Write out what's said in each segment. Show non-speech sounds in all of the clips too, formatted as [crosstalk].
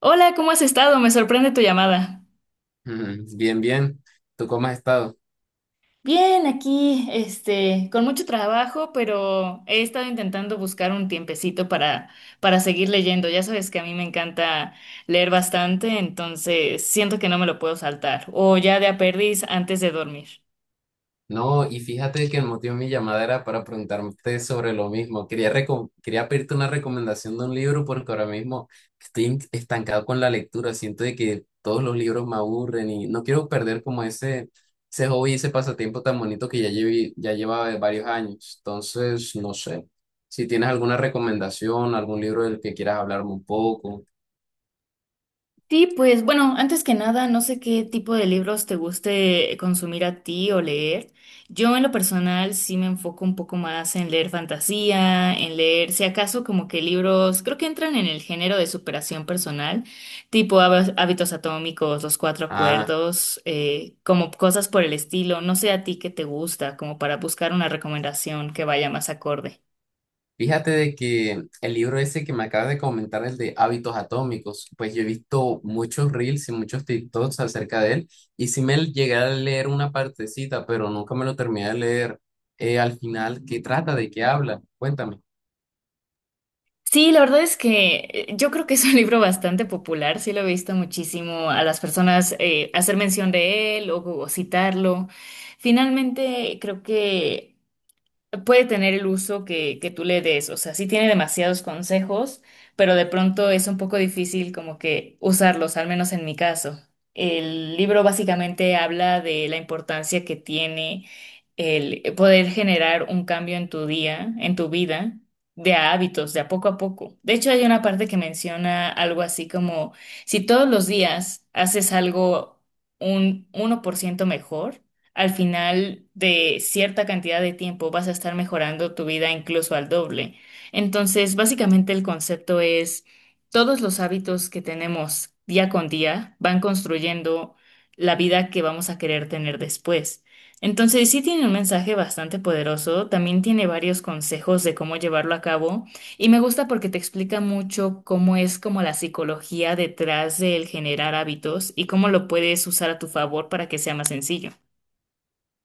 Hola, ¿cómo has estado? Me sorprende tu llamada. Mm, bien, bien. ¿Tú cómo has estado? Bien, aquí, con mucho trabajo, pero he estado intentando buscar un tiempecito para seguir leyendo. Ya sabes que a mí me encanta leer bastante, entonces siento que no me lo puedo saltar. O ya de a perdiz antes de dormir. No, y fíjate que el motivo de mi llamada era para preguntarte sobre lo mismo. Quería pedirte una recomendación de un libro porque ahora mismo estoy estancado con la lectura. Siento de que todos los libros me aburren y no quiero perder como ese hobby, ese pasatiempo tan bonito que ya lleva varios años. Entonces, no sé. Si tienes alguna recomendación, algún libro del que quieras hablarme un poco. Sí, pues bueno, antes que nada, no sé qué tipo de libros te guste consumir a ti o leer. Yo en lo personal sí me enfoco un poco más en leer fantasía, en leer, si acaso, como que libros, creo que entran en el género de superación personal, tipo Hábitos Atómicos, Los Cuatro Ah, Acuerdos, como cosas por el estilo. No sé a ti qué te gusta, como para buscar una recomendación que vaya más acorde. fíjate de que el libro ese que me acabas de comentar, el de Hábitos Atómicos, pues yo he visto muchos reels y muchos TikToks acerca de él y sí me llegué a leer una partecita, pero nunca me lo terminé de leer. Al final, ¿qué trata? ¿De qué habla? Cuéntame. Sí, la verdad es que yo creo que es un libro bastante popular, sí lo he visto muchísimo a las personas hacer mención de él o citarlo. Finalmente, creo que puede tener el uso que tú le des. O sea, sí tiene demasiados consejos, pero de pronto es un poco difícil como que usarlos, al menos en mi caso. El libro básicamente habla de la importancia que tiene el poder generar un cambio en tu día, en tu vida, de a hábitos, de a poco a poco. De hecho, hay una parte que menciona algo así como, si todos los días haces algo un 1% mejor, al final de cierta cantidad de tiempo vas a estar mejorando tu vida incluso al doble. Entonces, básicamente el concepto es todos los hábitos que tenemos día con día van construyendo la vida que vamos a querer tener después. Entonces, sí tiene un mensaje bastante poderoso, también tiene varios consejos de cómo llevarlo a cabo y me gusta porque te explica mucho cómo es como la psicología detrás del generar hábitos y cómo lo puedes usar a tu favor para que sea más sencillo.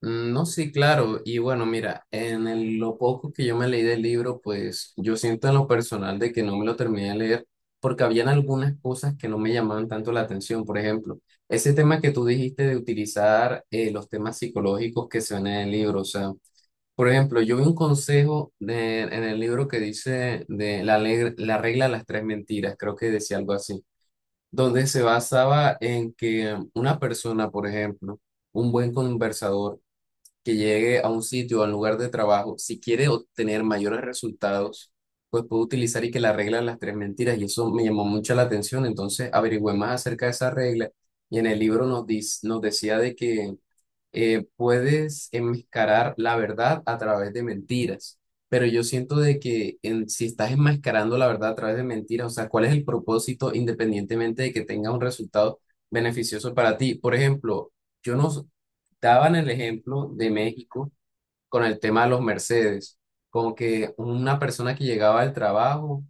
Mm, no, sí, claro. Y bueno, mira, en lo poco que yo me leí del libro, pues yo siento en lo personal de que no me lo terminé de leer porque habían algunas cosas que no me llamaban tanto la atención. Por ejemplo, ese tema que tú dijiste de utilizar los temas psicológicos que se ven en el libro. O sea, por ejemplo, yo vi un consejo en el libro que dice de la regla de las tres mentiras, creo que decía algo así, donde se basaba en que una persona, por ejemplo, un buen conversador, que llegue a un sitio o al lugar de trabajo, si quiere obtener mayores resultados, pues puede utilizar y que la regla de las tres mentiras. Y eso me llamó mucho la atención. Entonces averigüé más acerca de esa regla y en el libro nos decía de que puedes enmascarar la verdad a través de mentiras, pero yo siento de que si estás enmascarando la verdad a través de mentiras, o sea, ¿cuál es el propósito independientemente de que tenga un resultado beneficioso para ti? Por ejemplo, yo nos daban el ejemplo de México con el tema de los Mercedes. Como que una persona que llegaba al trabajo,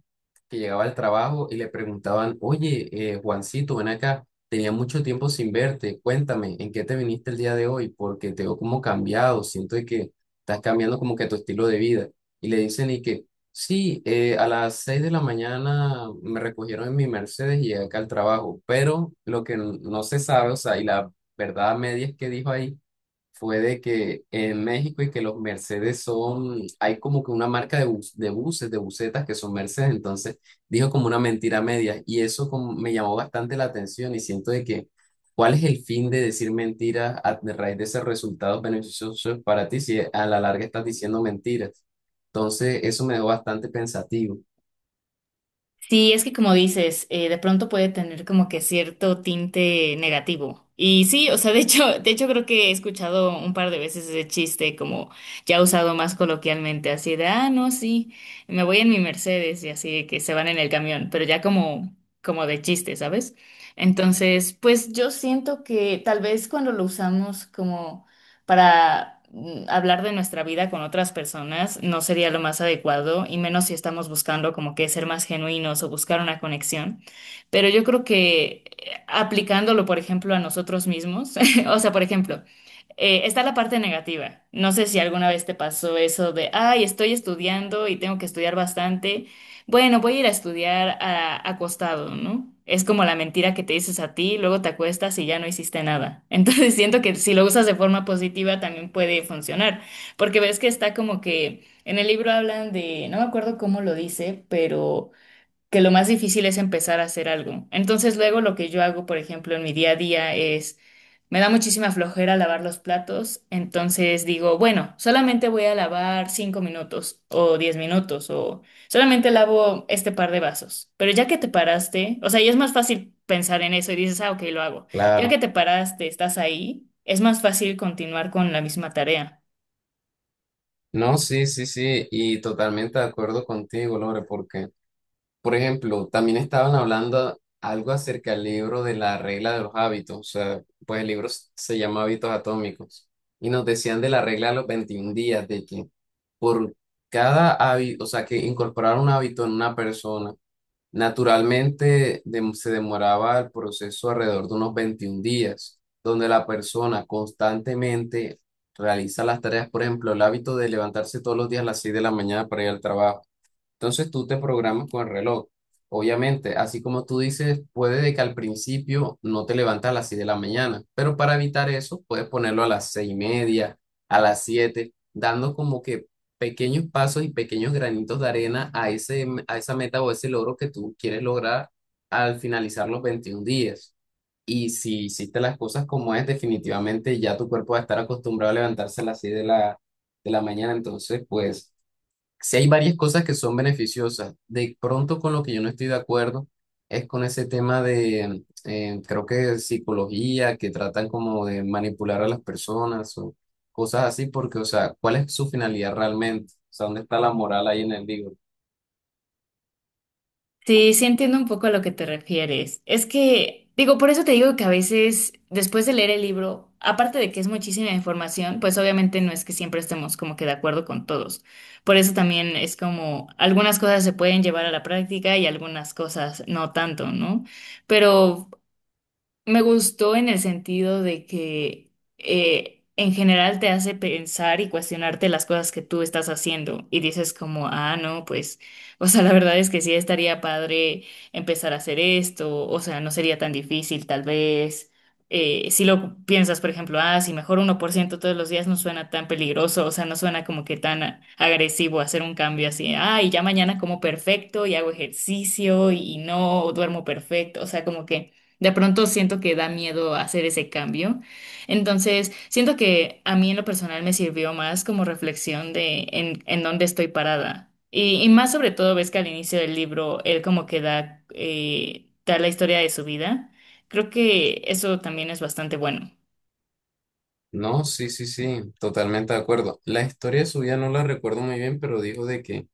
que llegaba al trabajo y le preguntaban, oye, Juancito, ven acá, tenía mucho tiempo sin verte, cuéntame, ¿en qué te viniste el día de hoy? Porque te veo como cambiado, siento de que estás cambiando como que tu estilo de vida. Y le dicen y que, sí, a las 6 de la mañana me recogieron en mi Mercedes y llegué acá al trabajo, pero lo que no se sabe, o sea, y la verdad media es que dijo ahí fue de que en México y que los Mercedes son, hay como que una marca de buses, de busetas que son Mercedes, entonces dijo como una mentira media y eso como me llamó bastante la atención y siento de que, ¿cuál es el fin de decir mentiras a de raíz de esos resultados beneficiosos para ti si a la larga estás diciendo mentiras? Entonces eso me dejó bastante pensativo. Sí, es que como dices, de pronto puede tener como que cierto tinte negativo. Y sí, o sea, de hecho creo que he escuchado un par de veces ese chiste como ya usado más coloquialmente, así de, ah, no, sí, me voy en mi Mercedes y así de que se van en el camión, pero ya como, como de chiste, ¿sabes? Entonces, pues yo siento que tal vez cuando lo usamos como para hablar de nuestra vida con otras personas no sería lo más adecuado, y menos si estamos buscando como que ser más genuinos o buscar una conexión. Pero yo creo que aplicándolo, por ejemplo, a nosotros mismos, [laughs] o sea, por ejemplo, está la parte negativa. No sé si alguna vez te pasó eso de, ay, estoy estudiando y tengo que estudiar bastante. Bueno, voy a ir a estudiar acostado, ¿no? Es como la mentira que te dices a ti, luego te acuestas y ya no hiciste nada. Entonces [laughs] siento que si lo usas de forma positiva también puede funcionar, porque ves que está como que en el libro hablan de, no me acuerdo cómo lo dice, pero que lo más difícil es empezar a hacer algo. Entonces luego lo que yo hago, por ejemplo, en mi día a día es, me da muchísima flojera lavar los platos, entonces digo, bueno, solamente voy a lavar 5 minutos o 10 minutos o solamente lavo este par de vasos. Pero ya que te paraste, o sea, ya es más fácil pensar en eso y dices, ah, ok, lo hago. Ya Claro. que te paraste, estás ahí, es más fácil continuar con la misma tarea. No, sí, sí, sí, y totalmente de acuerdo contigo, Lore, porque... Por ejemplo, también estaban hablando algo acerca del libro de la regla de los hábitos, o sea, pues el libro se llama Hábitos Atómicos, y nos decían de la regla de los 21 días, de que por cada hábito, o sea, que incorporar un hábito en una persona, naturalmente se demoraba el proceso alrededor de unos 21 días, donde la persona constantemente realiza las tareas, por ejemplo, el hábito de levantarse todos los días a las 6 de la mañana para ir al trabajo. Entonces tú te programas con el reloj. Obviamente, así como tú dices, puede de que al principio no te levantes a las 6 de la mañana, pero para evitar eso puedes ponerlo a las 6:30, a las 7, dando como que pequeños pasos y pequeños granitos de arena a esa meta o ese logro que tú quieres lograr al finalizar los 21 días. Y si hiciste las cosas como es, definitivamente ya tu cuerpo va a estar acostumbrado a levantarse a las 6 de la mañana, entonces pues si hay varias cosas que son beneficiosas. De pronto con lo que yo no estoy de acuerdo es con ese tema de, creo que psicología, que tratan como de manipular a las personas o cosas así, porque, o sea, ¿cuál es su finalidad realmente? O sea, ¿dónde está la moral ahí en el libro? Sí, sí entiendo un poco a lo que te refieres. Es que, digo, por eso te digo que a veces, después de leer el libro, aparte de que es muchísima información, pues obviamente no es que siempre estemos como que de acuerdo con todos. Por eso también es como algunas cosas se pueden llevar a la práctica y algunas cosas no tanto, ¿no? Pero me gustó en el sentido de que en general te hace pensar y cuestionarte las cosas que tú estás haciendo y dices como, ah, no, pues, [laughs] o sea, la verdad es que sí estaría padre empezar a hacer esto, o sea, no sería tan difícil tal vez. Si lo piensas, por ejemplo, ah, si mejor 1% todos los días no suena tan peligroso, o sea, no suena como que tan agresivo hacer un cambio así, ah, y ya mañana como perfecto y hago ejercicio y no duermo perfecto, o sea, como que... De pronto siento que da miedo hacer ese cambio. Entonces, siento que a mí en lo personal me sirvió más como reflexión de en dónde estoy parada. Y más sobre todo, ves que al inicio del libro él como que da, da la historia de su vida. Creo que eso también es bastante bueno. No, sí, sí, sí, totalmente de acuerdo. La historia de su vida no la recuerdo muy bien, pero dijo de que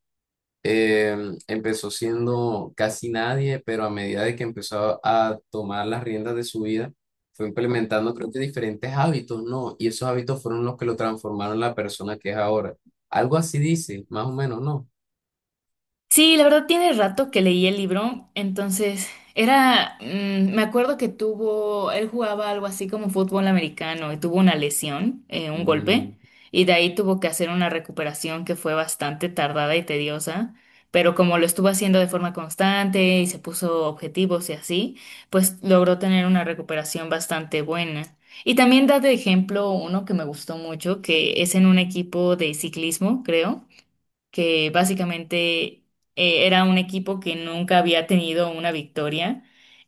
Empezó siendo casi nadie, pero a medida de que empezó a tomar las riendas de su vida, fue implementando, creo que diferentes hábitos, ¿no? Y esos hábitos fueron los que lo transformaron en la persona que es ahora. Algo así dice, más o menos, ¿no? Sí, la verdad tiene rato que leí el libro, entonces era, mm, me acuerdo que tuvo, él jugaba algo así como fútbol americano y tuvo una lesión, un Mm, golpe, y de ahí tuvo que hacer una recuperación que fue bastante tardada y tediosa, pero como lo estuvo haciendo de forma constante y se puso objetivos y así, pues logró tener una recuperación bastante buena. Y también da de ejemplo uno que me gustó mucho, que es en un equipo de ciclismo, creo que básicamente era un equipo que nunca había tenido una victoria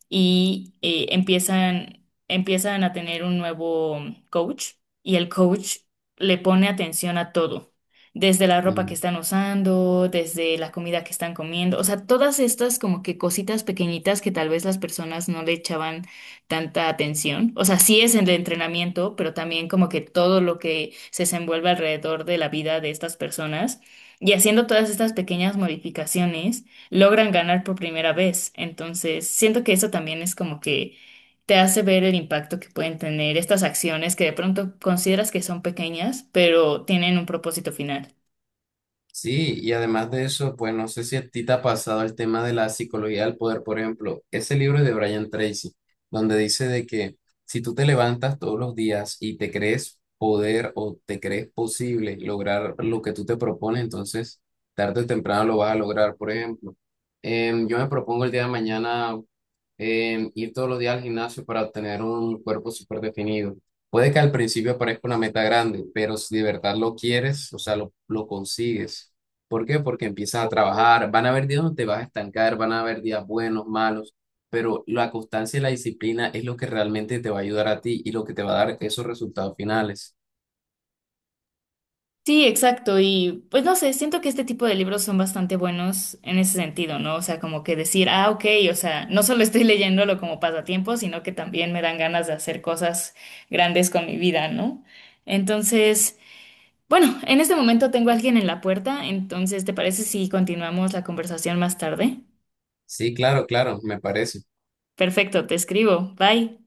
y empiezan a tener un nuevo coach y el coach le pone atención a todo, desde la ropa que mm. están usando, desde la comida que están comiendo, o sea, todas estas como que cositas pequeñitas que tal vez las personas no le echaban tanta atención, o sea, sí es el entrenamiento, pero también como que todo lo que se desenvuelve alrededor de la vida de estas personas y haciendo todas estas pequeñas modificaciones, logran ganar por primera vez. Entonces, siento que eso también es como que te hace ver el impacto que pueden tener estas acciones que de pronto consideras que son pequeñas, pero tienen un propósito final. Sí, y además de eso, pues no sé si a ti te ha pasado el tema de la psicología del poder, por ejemplo, ese libro de Brian Tracy, donde dice de que si tú te levantas todos los días y te crees poder o te crees posible lograr lo que tú te propones, entonces tarde o temprano lo vas a lograr, por ejemplo. Yo me propongo el día de mañana ir todos los días al gimnasio para obtener un cuerpo súper definido. Puede que al principio parezca una meta grande, pero si de verdad lo quieres, o sea, lo consigues. ¿Por qué? Porque empiezas a trabajar, van a haber días donde te vas a estancar, van a haber días buenos, malos, pero la constancia y la disciplina es lo que realmente te va a ayudar a ti y lo que te va a dar esos resultados finales. Sí, exacto. Y pues no sé, siento que este tipo de libros son bastante buenos en ese sentido, ¿no? O sea, como que decir, ah, ok, o sea, no solo estoy [laughs] leyéndolo como pasatiempo, sino que también me dan ganas de hacer cosas grandes con mi vida, ¿no? Entonces... Bueno, en este momento tengo a alguien en la puerta, entonces ¿te parece si continuamos la conversación más tarde? Sí, claro, claro, me parece. Perfecto, te escribo. Bye.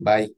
Bye.